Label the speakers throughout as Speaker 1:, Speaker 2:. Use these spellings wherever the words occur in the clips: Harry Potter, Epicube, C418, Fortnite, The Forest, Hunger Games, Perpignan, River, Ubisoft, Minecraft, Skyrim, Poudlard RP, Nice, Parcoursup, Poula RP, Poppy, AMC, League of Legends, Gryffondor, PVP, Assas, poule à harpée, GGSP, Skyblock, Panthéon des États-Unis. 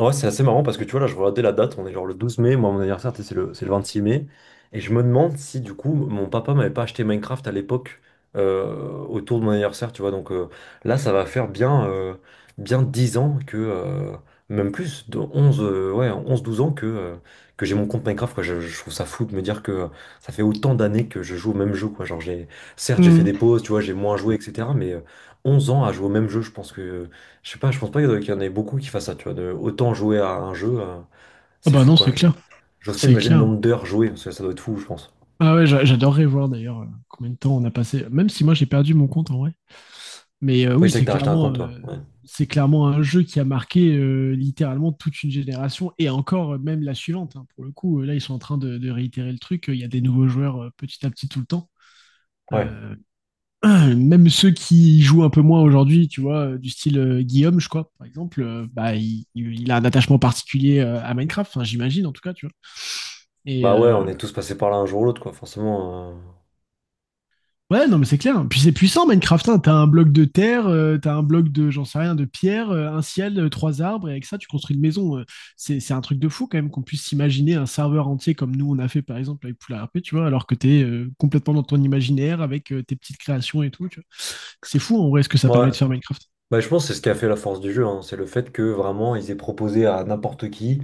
Speaker 1: Ouais, c'est assez marrant parce que tu vois, là, je regardais la date, on est genre le 12 mai. Moi, mon anniversaire, t'sais, c'est le 26 mai, et je me demande si, du coup, mon papa m'avait pas acheté Minecraft à l'époque, euh, autour de mon anniversaire, tu vois. Donc là, ça va faire bien, bien 10 ans que, même plus, de 11 ouais, 11 12 ans que j'ai mon compte Minecraft, quoi. Je trouve ça fou de me dire que ça fait autant d'années que je joue au même jeu, quoi. Certes, j'ai fait
Speaker 2: Mm.
Speaker 1: des pauses, tu vois, j'ai moins joué, etc., mais 11 ans à jouer au même jeu, je pense que… Je sais pas, je pense pas qu'il y en ait beaucoup qui fassent ça, tu vois, de autant jouer à un jeu.
Speaker 2: Ah
Speaker 1: C'est
Speaker 2: bah
Speaker 1: fou
Speaker 2: non, c'est
Speaker 1: quoi.
Speaker 2: clair.
Speaker 1: J'ose pas
Speaker 2: C'est
Speaker 1: imaginer le
Speaker 2: clair.
Speaker 1: nombre d'heures jouées, parce que ça doit être fou, je pense.
Speaker 2: Ah ouais, j'adorerais voir d'ailleurs combien de temps on a passé. Même si moi j'ai perdu mon compte en vrai. Mais
Speaker 1: Oui,
Speaker 2: oui,
Speaker 1: c'est vrai que
Speaker 2: c'est
Speaker 1: t'as acheté un
Speaker 2: clairement,
Speaker 1: compte,
Speaker 2: euh,
Speaker 1: toi. Ouais.
Speaker 2: c'est clairement un jeu qui a marqué littéralement toute une génération et encore même la suivante. Hein. Pour le coup, là ils sont en train de réitérer le truc. Il y a des nouveaux joueurs petit à petit tout le temps.
Speaker 1: Ouais.
Speaker 2: Euh, même ceux qui jouent un peu moins aujourd'hui, tu vois, du style Guillaume, je crois, par exemple, bah, il a un attachement particulier à Minecraft, enfin, j'imagine en tout cas, tu vois. Et
Speaker 1: Bah ouais, on est tous passés par là un jour ou l'autre, quoi, forcément.
Speaker 2: ouais, non, mais c'est clair. Puis c'est puissant, Minecraft. Hein. T'as un bloc de terre, t'as un bloc de, j'en sais rien, de pierre, un ciel, trois arbres, et avec ça, tu construis une maison. C'est un truc de fou, quand même, qu'on puisse s'imaginer un serveur entier comme nous, on a fait, par exemple, avec Poula R P. Tu vois, alors que t'es complètement dans ton imaginaire avec tes petites créations et tout, tu vois. C'est fou, en vrai, ce que ça
Speaker 1: Ouais.
Speaker 2: permet de faire Minecraft.
Speaker 1: Bah, je pense que c'est ce qui a fait la force du jeu, hein. C'est le fait que vraiment ils aient proposé à n'importe qui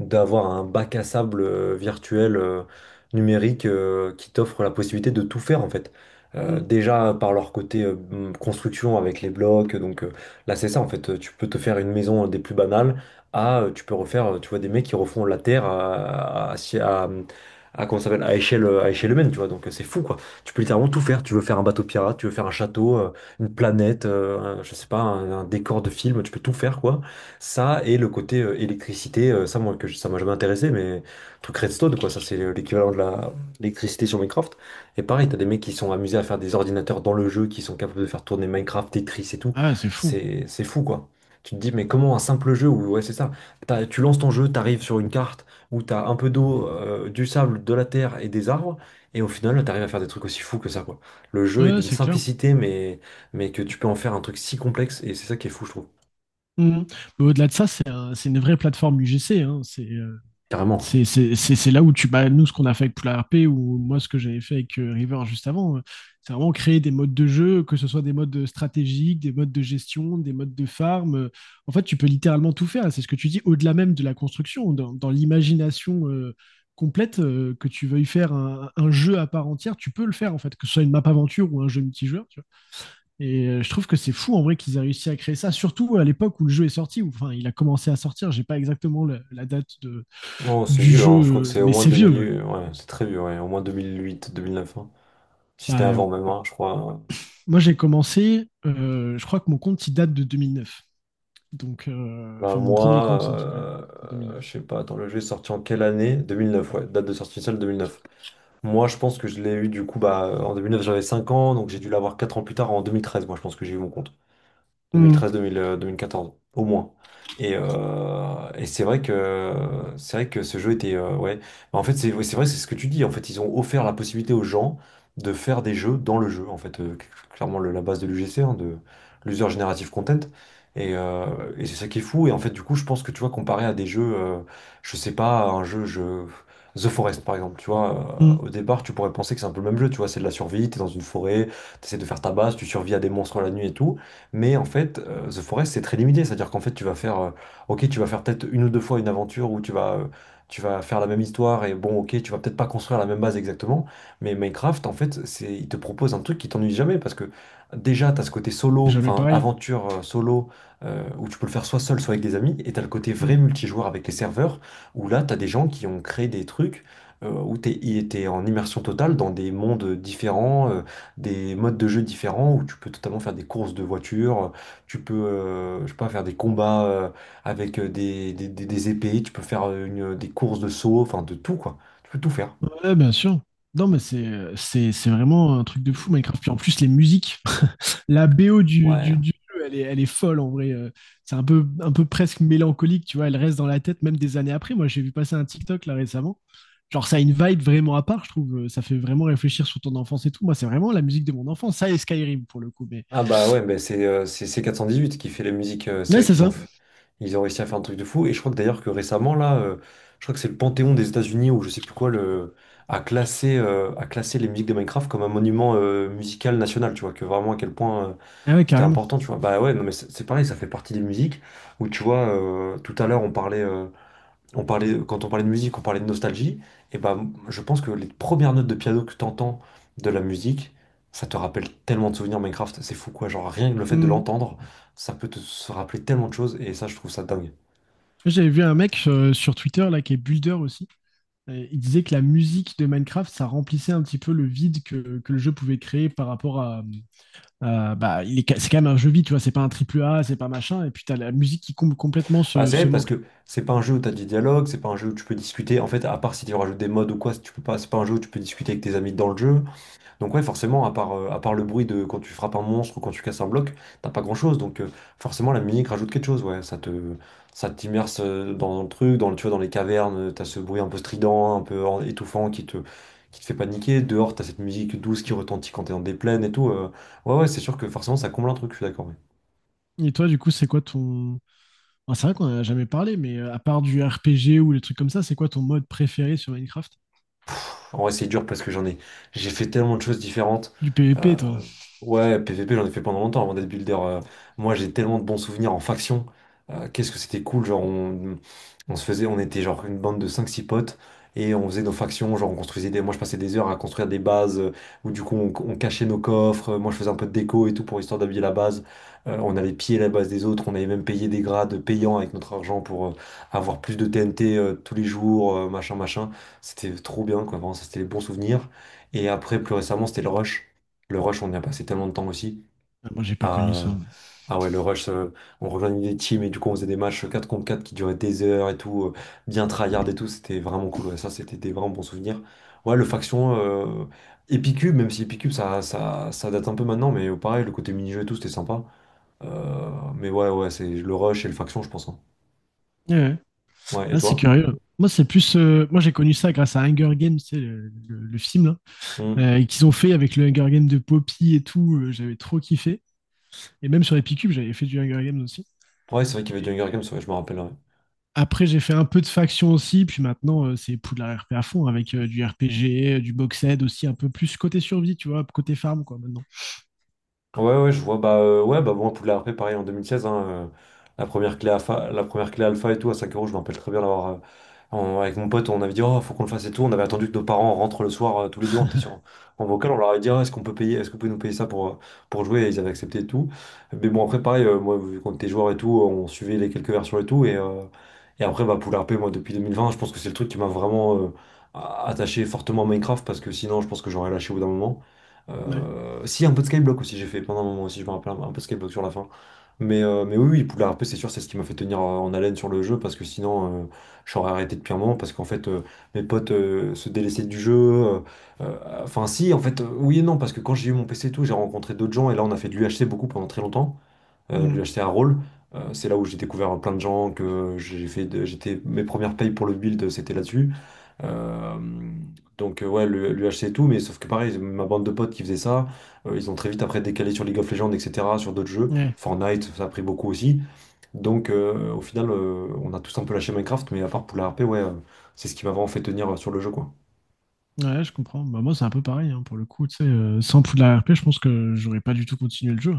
Speaker 1: d'avoir un bac à sable virtuel, numérique, qui t'offre la possibilité de tout faire, en fait.
Speaker 2: Mm.
Speaker 1: Déjà par leur côté construction avec les blocs. Donc là c'est ça, en fait. Tu peux te faire une maison des plus banales à tu peux refaire, tu vois, des mecs qui refont la terre à- si, à- comment ça s'appelle, à échelle humaine, tu vois. Donc c'est fou quoi. Tu peux littéralement tout faire. Tu veux faire un bateau pirate, tu veux faire un château, une planète, je sais pas, un décor de film. Tu peux tout faire, quoi. Ça et le côté électricité, ça moi ça m'a jamais intéressé, mais truc redstone quoi, ça c'est l'équivalent de la l'électricité sur Minecraft. Et pareil, t'as des mecs qui sont amusés à faire des ordinateurs dans le jeu, qui sont capables de faire tourner Minecraft, Tetris et tout.
Speaker 2: Ah, ouais, c'est fou.
Speaker 1: C'est fou quoi. Tu te dis mais comment un simple jeu où ouais c'est ça, tu lances ton jeu, t'arrives sur une carte où t'as un peu d'eau, du sable, de la terre et des arbres, et au final t'arrives à faire des trucs aussi fous que ça, quoi. Le jeu est
Speaker 2: Ouais,
Speaker 1: d'une
Speaker 2: c'est clair.
Speaker 1: simplicité, mais que tu peux en faire un truc si complexe, et c'est ça qui est fou, je trouve.
Speaker 2: Mm. Mais au-delà de ça, c'est une vraie plateforme UGC. Hein. C'est, euh,
Speaker 1: Carrément.
Speaker 2: C'est c'est c'est c'est là où tu. Bah, nous, ce qu'on a fait avec Poula RP ou moi, ce que j'avais fait avec River juste avant, c'est vraiment créer des modes de jeu, que ce soit des modes stratégiques, des modes de gestion, des modes de farm. En fait, tu peux littéralement tout faire. C'est ce que tu dis, au-delà même de la construction, dans l'imagination complète, que tu veuilles faire un jeu à part entière, tu peux le faire, en fait, que ce soit une map aventure ou un jeu multijoueur. Tu vois. Et je trouve que c'est fou, en vrai, qu'ils aient réussi à créer ça, surtout à l'époque où le jeu est sorti, ou enfin, il a commencé à sortir. J'ai pas exactement la date de
Speaker 1: Non, c'est
Speaker 2: du
Speaker 1: vieux, hein. Je crois que
Speaker 2: jeu,
Speaker 1: c'est au
Speaker 2: mais
Speaker 1: moins
Speaker 2: c'est vieux. Ouais.
Speaker 1: 2000… Ouais, c'est très vieux, ouais. Au moins 2008, 2009. Hein. Si c'était
Speaker 2: Bah,
Speaker 1: avant même, hein, je crois. Ouais.
Speaker 2: moi, j'ai commencé, je crois que mon compte, il date de 2009. Donc,
Speaker 1: Bah,
Speaker 2: enfin, mon
Speaker 1: moi,
Speaker 2: premier compte, en tout cas, c'est 2009.
Speaker 1: je sais pas, attends, le jeu est sorti en quelle année? 2009, ouais. Date de sortie initiale 2009. Moi, je pense que je l'ai eu du coup, bah, en 2009, j'avais 5 ans, donc j'ai dû l'avoir 4 ans plus tard, en 2013. Moi, je pense que j'ai eu mon compte.
Speaker 2: Mm,
Speaker 1: 2013, 2000, 2014, au moins. Et c'est vrai que ce jeu était ouais. Mais en fait, c'est ouais, c'est vrai, c'est ce que tu dis. En fait, ils ont offert la possibilité aux gens de faire des jeux dans le jeu. En fait, clairement la base de l'UGC, hein, de l'User Generative Content. Et, euh, et c'est ça qui est fou. Et en fait, du coup, je pense que tu vois, comparé à des jeux, je sais pas, The Forest par exemple, tu vois.
Speaker 2: mm.
Speaker 1: Au départ, tu pourrais penser que c'est un peu le même jeu. Tu vois, c'est de la survie. T'es dans une forêt, t'essaies de faire ta base, tu survis à des monstres la nuit et tout. Mais en fait, The Forest, c'est très limité. C'est-à-dire qu'en fait, tu vas faire, ok, tu vas faire peut-être une ou deux fois une aventure où tu vas faire la même histoire, et bon, ok, tu vas peut-être pas construire la même base exactement. Mais Minecraft, en fait, il te propose un truc qui t'ennuie jamais parce que déjà, tu as ce côté
Speaker 2: C'est
Speaker 1: solo,
Speaker 2: jamais
Speaker 1: enfin,
Speaker 2: pareil.
Speaker 1: aventure solo, où tu peux le faire soit seul, soit avec des amis. Et tu as le côté
Speaker 2: Mm.
Speaker 1: vrai multijoueur avec les serveurs où là, tu as des gens qui ont créé des trucs, où tu es en immersion totale dans des mondes différents, des modes de jeu différents, où tu peux totalement faire des courses de voitures. Tu peux, je sais pas, faire des combats avec des épées. Tu peux faire des courses de saut, enfin de tout, quoi. Tu peux tout faire.
Speaker 2: Ouais, bien sûr. Non, mais c'est vraiment un truc de fou, Minecraft. Puis en plus, les musiques, la BO du,
Speaker 1: Ouais.
Speaker 2: du, du jeu, elle est folle en vrai. C'est un peu presque mélancolique, tu vois. Elle reste dans la tête même des années après. Moi, j'ai vu passer un TikTok là récemment. Genre, ça a une vibe vraiment à part, je trouve. Ça fait vraiment réfléchir sur ton enfance et tout. Moi, c'est vraiment la musique de mon enfance. Ça et Skyrim pour le coup. Mais
Speaker 1: Ah bah ouais, bah c'est C418 qui fait la musique. C'est
Speaker 2: ouais,
Speaker 1: vrai
Speaker 2: c'est
Speaker 1: qu'ils ont,
Speaker 2: ça.
Speaker 1: ils ont réussi à faire un truc de fou. Et je crois que d'ailleurs que récemment, là, je crois que c'est le Panthéon des États-Unis ou je sais plus quoi, le, a classé les musiques de Minecraft comme un monument musical national, tu vois, que vraiment à quel point
Speaker 2: Ah ouais,
Speaker 1: c'était
Speaker 2: carrément.
Speaker 1: important, tu vois. Bah ouais, non mais c'est pareil, ça fait partie des musiques où tu vois, tout à l'heure on parlait. Quand on parlait de musique, on parlait de nostalgie, et ben je pense que les premières notes de piano que tu entends de la musique, ça te rappelle tellement de souvenirs Minecraft. C'est fou quoi, genre rien que le fait de
Speaker 2: Mm.
Speaker 1: l'entendre, ça peut te se rappeler tellement de choses, et ça je trouve ça dingue.
Speaker 2: J'avais vu un mec sur Twitter là qui est builder aussi. Il disait que la musique de Minecraft, ça remplissait un petit peu le vide que le jeu pouvait créer par rapport à, bah, c'est quand même un jeu vide, tu vois, c'est pas un triple A, c'est pas machin, et puis t'as la musique qui comble complètement
Speaker 1: Bah,
Speaker 2: ce,
Speaker 1: c'est vrai,
Speaker 2: ce
Speaker 1: parce
Speaker 2: manque-là.
Speaker 1: que c'est pas un jeu où t'as des dialogues, c'est pas un jeu où tu peux discuter, en fait, à part si tu rajoutes des modes ou quoi. Si tu peux pas, c'est pas un jeu où tu peux discuter avec tes amis dans le jeu. Donc ouais, forcément, à part le bruit de quand tu frappes un monstre ou quand tu casses un bloc, t'as pas grand-chose. Donc forcément, la
Speaker 2: Mm.
Speaker 1: musique rajoute quelque chose, ouais. Ça t'immerse dans le truc, tu vois, dans les cavernes, t'as ce bruit un peu strident, un peu étouffant qui te fait paniquer. Dehors, t'as cette musique douce qui retentit quand t'es dans des plaines et tout. Ouais, ouais, c'est sûr que forcément, ça comble un truc, je suis d'accord. Ouais.
Speaker 2: Et toi, du coup, c'est quoi ton. Enfin, c'est vrai qu'on en a jamais parlé, mais à part du RPG ou les trucs comme ça, c'est quoi ton mode préféré sur Minecraft?
Speaker 1: En vrai, c'est dur parce que j'ai fait tellement de choses différentes.
Speaker 2: Du
Speaker 1: Euh,
Speaker 2: PvP, toi?
Speaker 1: ouais, PVP, j'en ai fait pendant longtemps avant d'être builder. Moi, j'ai tellement de bons souvenirs en faction. Qu'est-ce que c'était cool, on se faisait, on était genre une bande de cinq six potes et on faisait nos factions. On construisait des, moi je passais des heures à construire des bases où du coup on cachait nos coffres. Moi, je faisais un peu de déco et tout pour histoire d'habiller la base. On allait piller la base des autres, on avait même payé des grades payants avec notre argent pour avoir plus de TNT tous les jours, machin, machin. C'était trop bien, quoi. Vraiment, ça, c'était les bons souvenirs. Et après, plus récemment, c'était le rush. Le rush, on y a passé tellement de temps aussi.
Speaker 2: Ah, moi, j'ai pas connu ça.
Speaker 1: Ah,
Speaker 2: Ouais,
Speaker 1: ah ouais, le rush, on rejoignait des teams et du coup, on faisait des matchs 4 contre 4 qui duraient des heures et tout, bien tryhard et tout. C'était vraiment cool. Ouais. Ça, c'était des vraiment bons souvenirs. Ouais, le faction, Epicube, même si Epicube, ça date un peu maintenant, mais pareil, le côté mini-jeu et tout, c'était sympa. Euh, mais ouais, ouais, c'est le rush et le faction, je pense. Hein.
Speaker 2: ouais.
Speaker 1: Ouais, et
Speaker 2: Ah, c'est
Speaker 1: toi?
Speaker 2: curieux. Moi, j'ai connu ça grâce à Hunger Games, c'est le film, là,
Speaker 1: Hmm.
Speaker 2: et qu'ils ont fait avec le Hunger Games de Poppy et tout, j'avais trop kiffé. Et même sur Epicube, j'avais fait du Hunger Games aussi.
Speaker 1: Ouais, c'est vrai qu'il y avait du Hunger Games, ouais, je me rappelle. Ouais.
Speaker 2: Après, j'ai fait un peu de faction aussi, puis maintenant, c'est Poudlard RP à fond, avec du RPG, du box-ed aussi, un peu plus côté survie, tu vois, côté farm, quoi, maintenant.
Speaker 1: Ouais, ouais, je vois. Bah, ouais, bah, bon, Poudlard, après, pareil, en 2016, hein. La première clé alpha et tout, à 5 euros, je me rappelle très bien d'avoir. Avec mon pote, on avait dit, oh, faut qu'on le fasse et tout. On avait attendu que nos parents rentrent le soir, tous les deux, on était sur, en vocal. On leur avait dit, Ah, est-ce qu'on peut payer, est-ce que vous pouvez nous payer ça pour jouer? Et ils avaient accepté et tout. Mais bon, après, pareil, moi, vu qu'on était joueur et tout, on suivait les quelques versions et tout. Et après, bah, Poudlard R P, moi, depuis 2020, je pense que c'est le truc qui m'a vraiment attaché fortement à Minecraft, parce que sinon, je pense que j'aurais lâché au bout d'un moment.
Speaker 2: Ouais.
Speaker 1: Euh, Si, un peu de Skyblock aussi, j'ai fait pendant un moment aussi, je me rappelle, un peu de Skyblock sur la fin. Mais oui, oui, Poudlard RP, c'est sûr, c'est ce qui m'a fait tenir en haleine sur le jeu, parce que sinon, j'aurais arrêté depuis un moment, parce qu'en fait, mes potes se délaissaient du jeu. Enfin, si, en fait, oui et non, parce que quand j'ai eu mon PC et tout, j'ai rencontré d'autres gens, et là, on a fait de l'UHC beaucoup pendant très longtemps, lui
Speaker 2: Mm.
Speaker 1: acheter un rôle. C'est là où j'ai découvert plein de gens que j'étais mes premières payes pour le build c'était là-dessus. Euh, ouais, lui acheter et tout, mais sauf que pareil ma bande de potes qui faisait ça, ils ont très vite après décalé sur League of Legends, etc, sur d'autres jeux.
Speaker 2: Ouais.
Speaker 1: Fortnite ça a pris beaucoup aussi. Donc au final on a tous un peu lâché Minecraft, mais à part pour la RP, ouais, c'est ce qui m'a vraiment fait tenir sur le jeu, quoi.
Speaker 2: Ouais, je comprends. Bah, moi, c'est un peu pareil, hein, pour le coup. Tu sais, sans Poudlard RP, je pense que j'aurais pas du tout continué le jeu.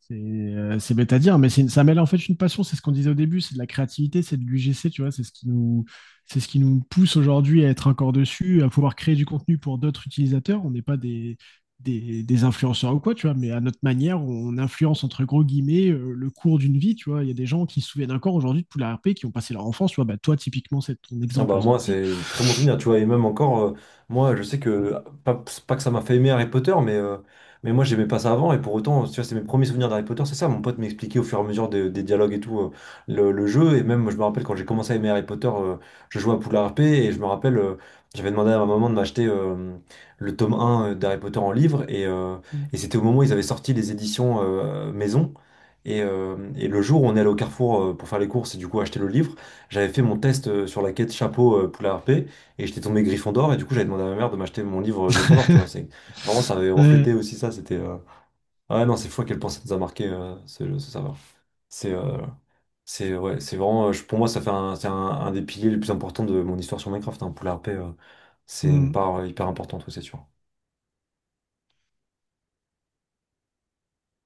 Speaker 2: C'est bête à dire, mais ça mêle en fait une passion. C'est ce qu'on disait au début, c'est de la créativité, c'est de l'UGC, tu vois. C'est ce qui nous pousse aujourd'hui à être encore dessus, à pouvoir créer du contenu pour d'autres utilisateurs. On n'est pas des influenceurs ou quoi, tu vois, mais à notre manière, on influence entre gros guillemets le cours d'une vie, tu vois. Il y a des gens qui se souviennent encore aujourd'hui de Poudlard RP, qui ont passé leur enfance, tu vois. Bah, toi, typiquement, c'est ton
Speaker 1: Ah
Speaker 2: exemple,
Speaker 1: bah
Speaker 2: à toi
Speaker 1: moi,
Speaker 2: aussi.
Speaker 1: c'est très bon souvenir, tu vois. Et même encore, moi, je sais que, pas, c'est pas que ça m'a fait aimer Harry Potter, mais moi, j'aimais pas ça avant. Et pour autant, tu vois, c'est mes premiers souvenirs d'Harry Potter, c'est ça. Mon pote m'expliquait au fur et à mesure des dialogues et tout, le jeu. Et même, je me rappelle quand j'ai commencé à aimer Harry Potter, je jouais à Poudlard RP. Et je me rappelle, j'avais demandé à ma maman de m'acheter le tome un d'Harry Potter en livre. Et c'était au moment où ils avaient sorti les éditions maison. Et le jour où on est allé au Carrefour pour faire les courses et du coup acheter le livre, j'avais fait mon test sur la quête chapeau poule à harpée, et j'étais tombé Gryffondor, et du coup j'avais demandé à ma mère de m'acheter mon livre Gryffondor, tu vois. C'est vraiment ça, avait
Speaker 2: Ouais.
Speaker 1: reflété aussi ça, c'était ah ouais, non, c'est fou à quel point ça nous a marqué ce serveur. C'est euh, c'est ouais, c'est vraiment pour moi ça fait c'est un des piliers les plus importants de mon histoire sur Minecraft, hein, poule à harpée. C'est une
Speaker 2: Mm.
Speaker 1: part hyper importante, ouais, c'est sûr.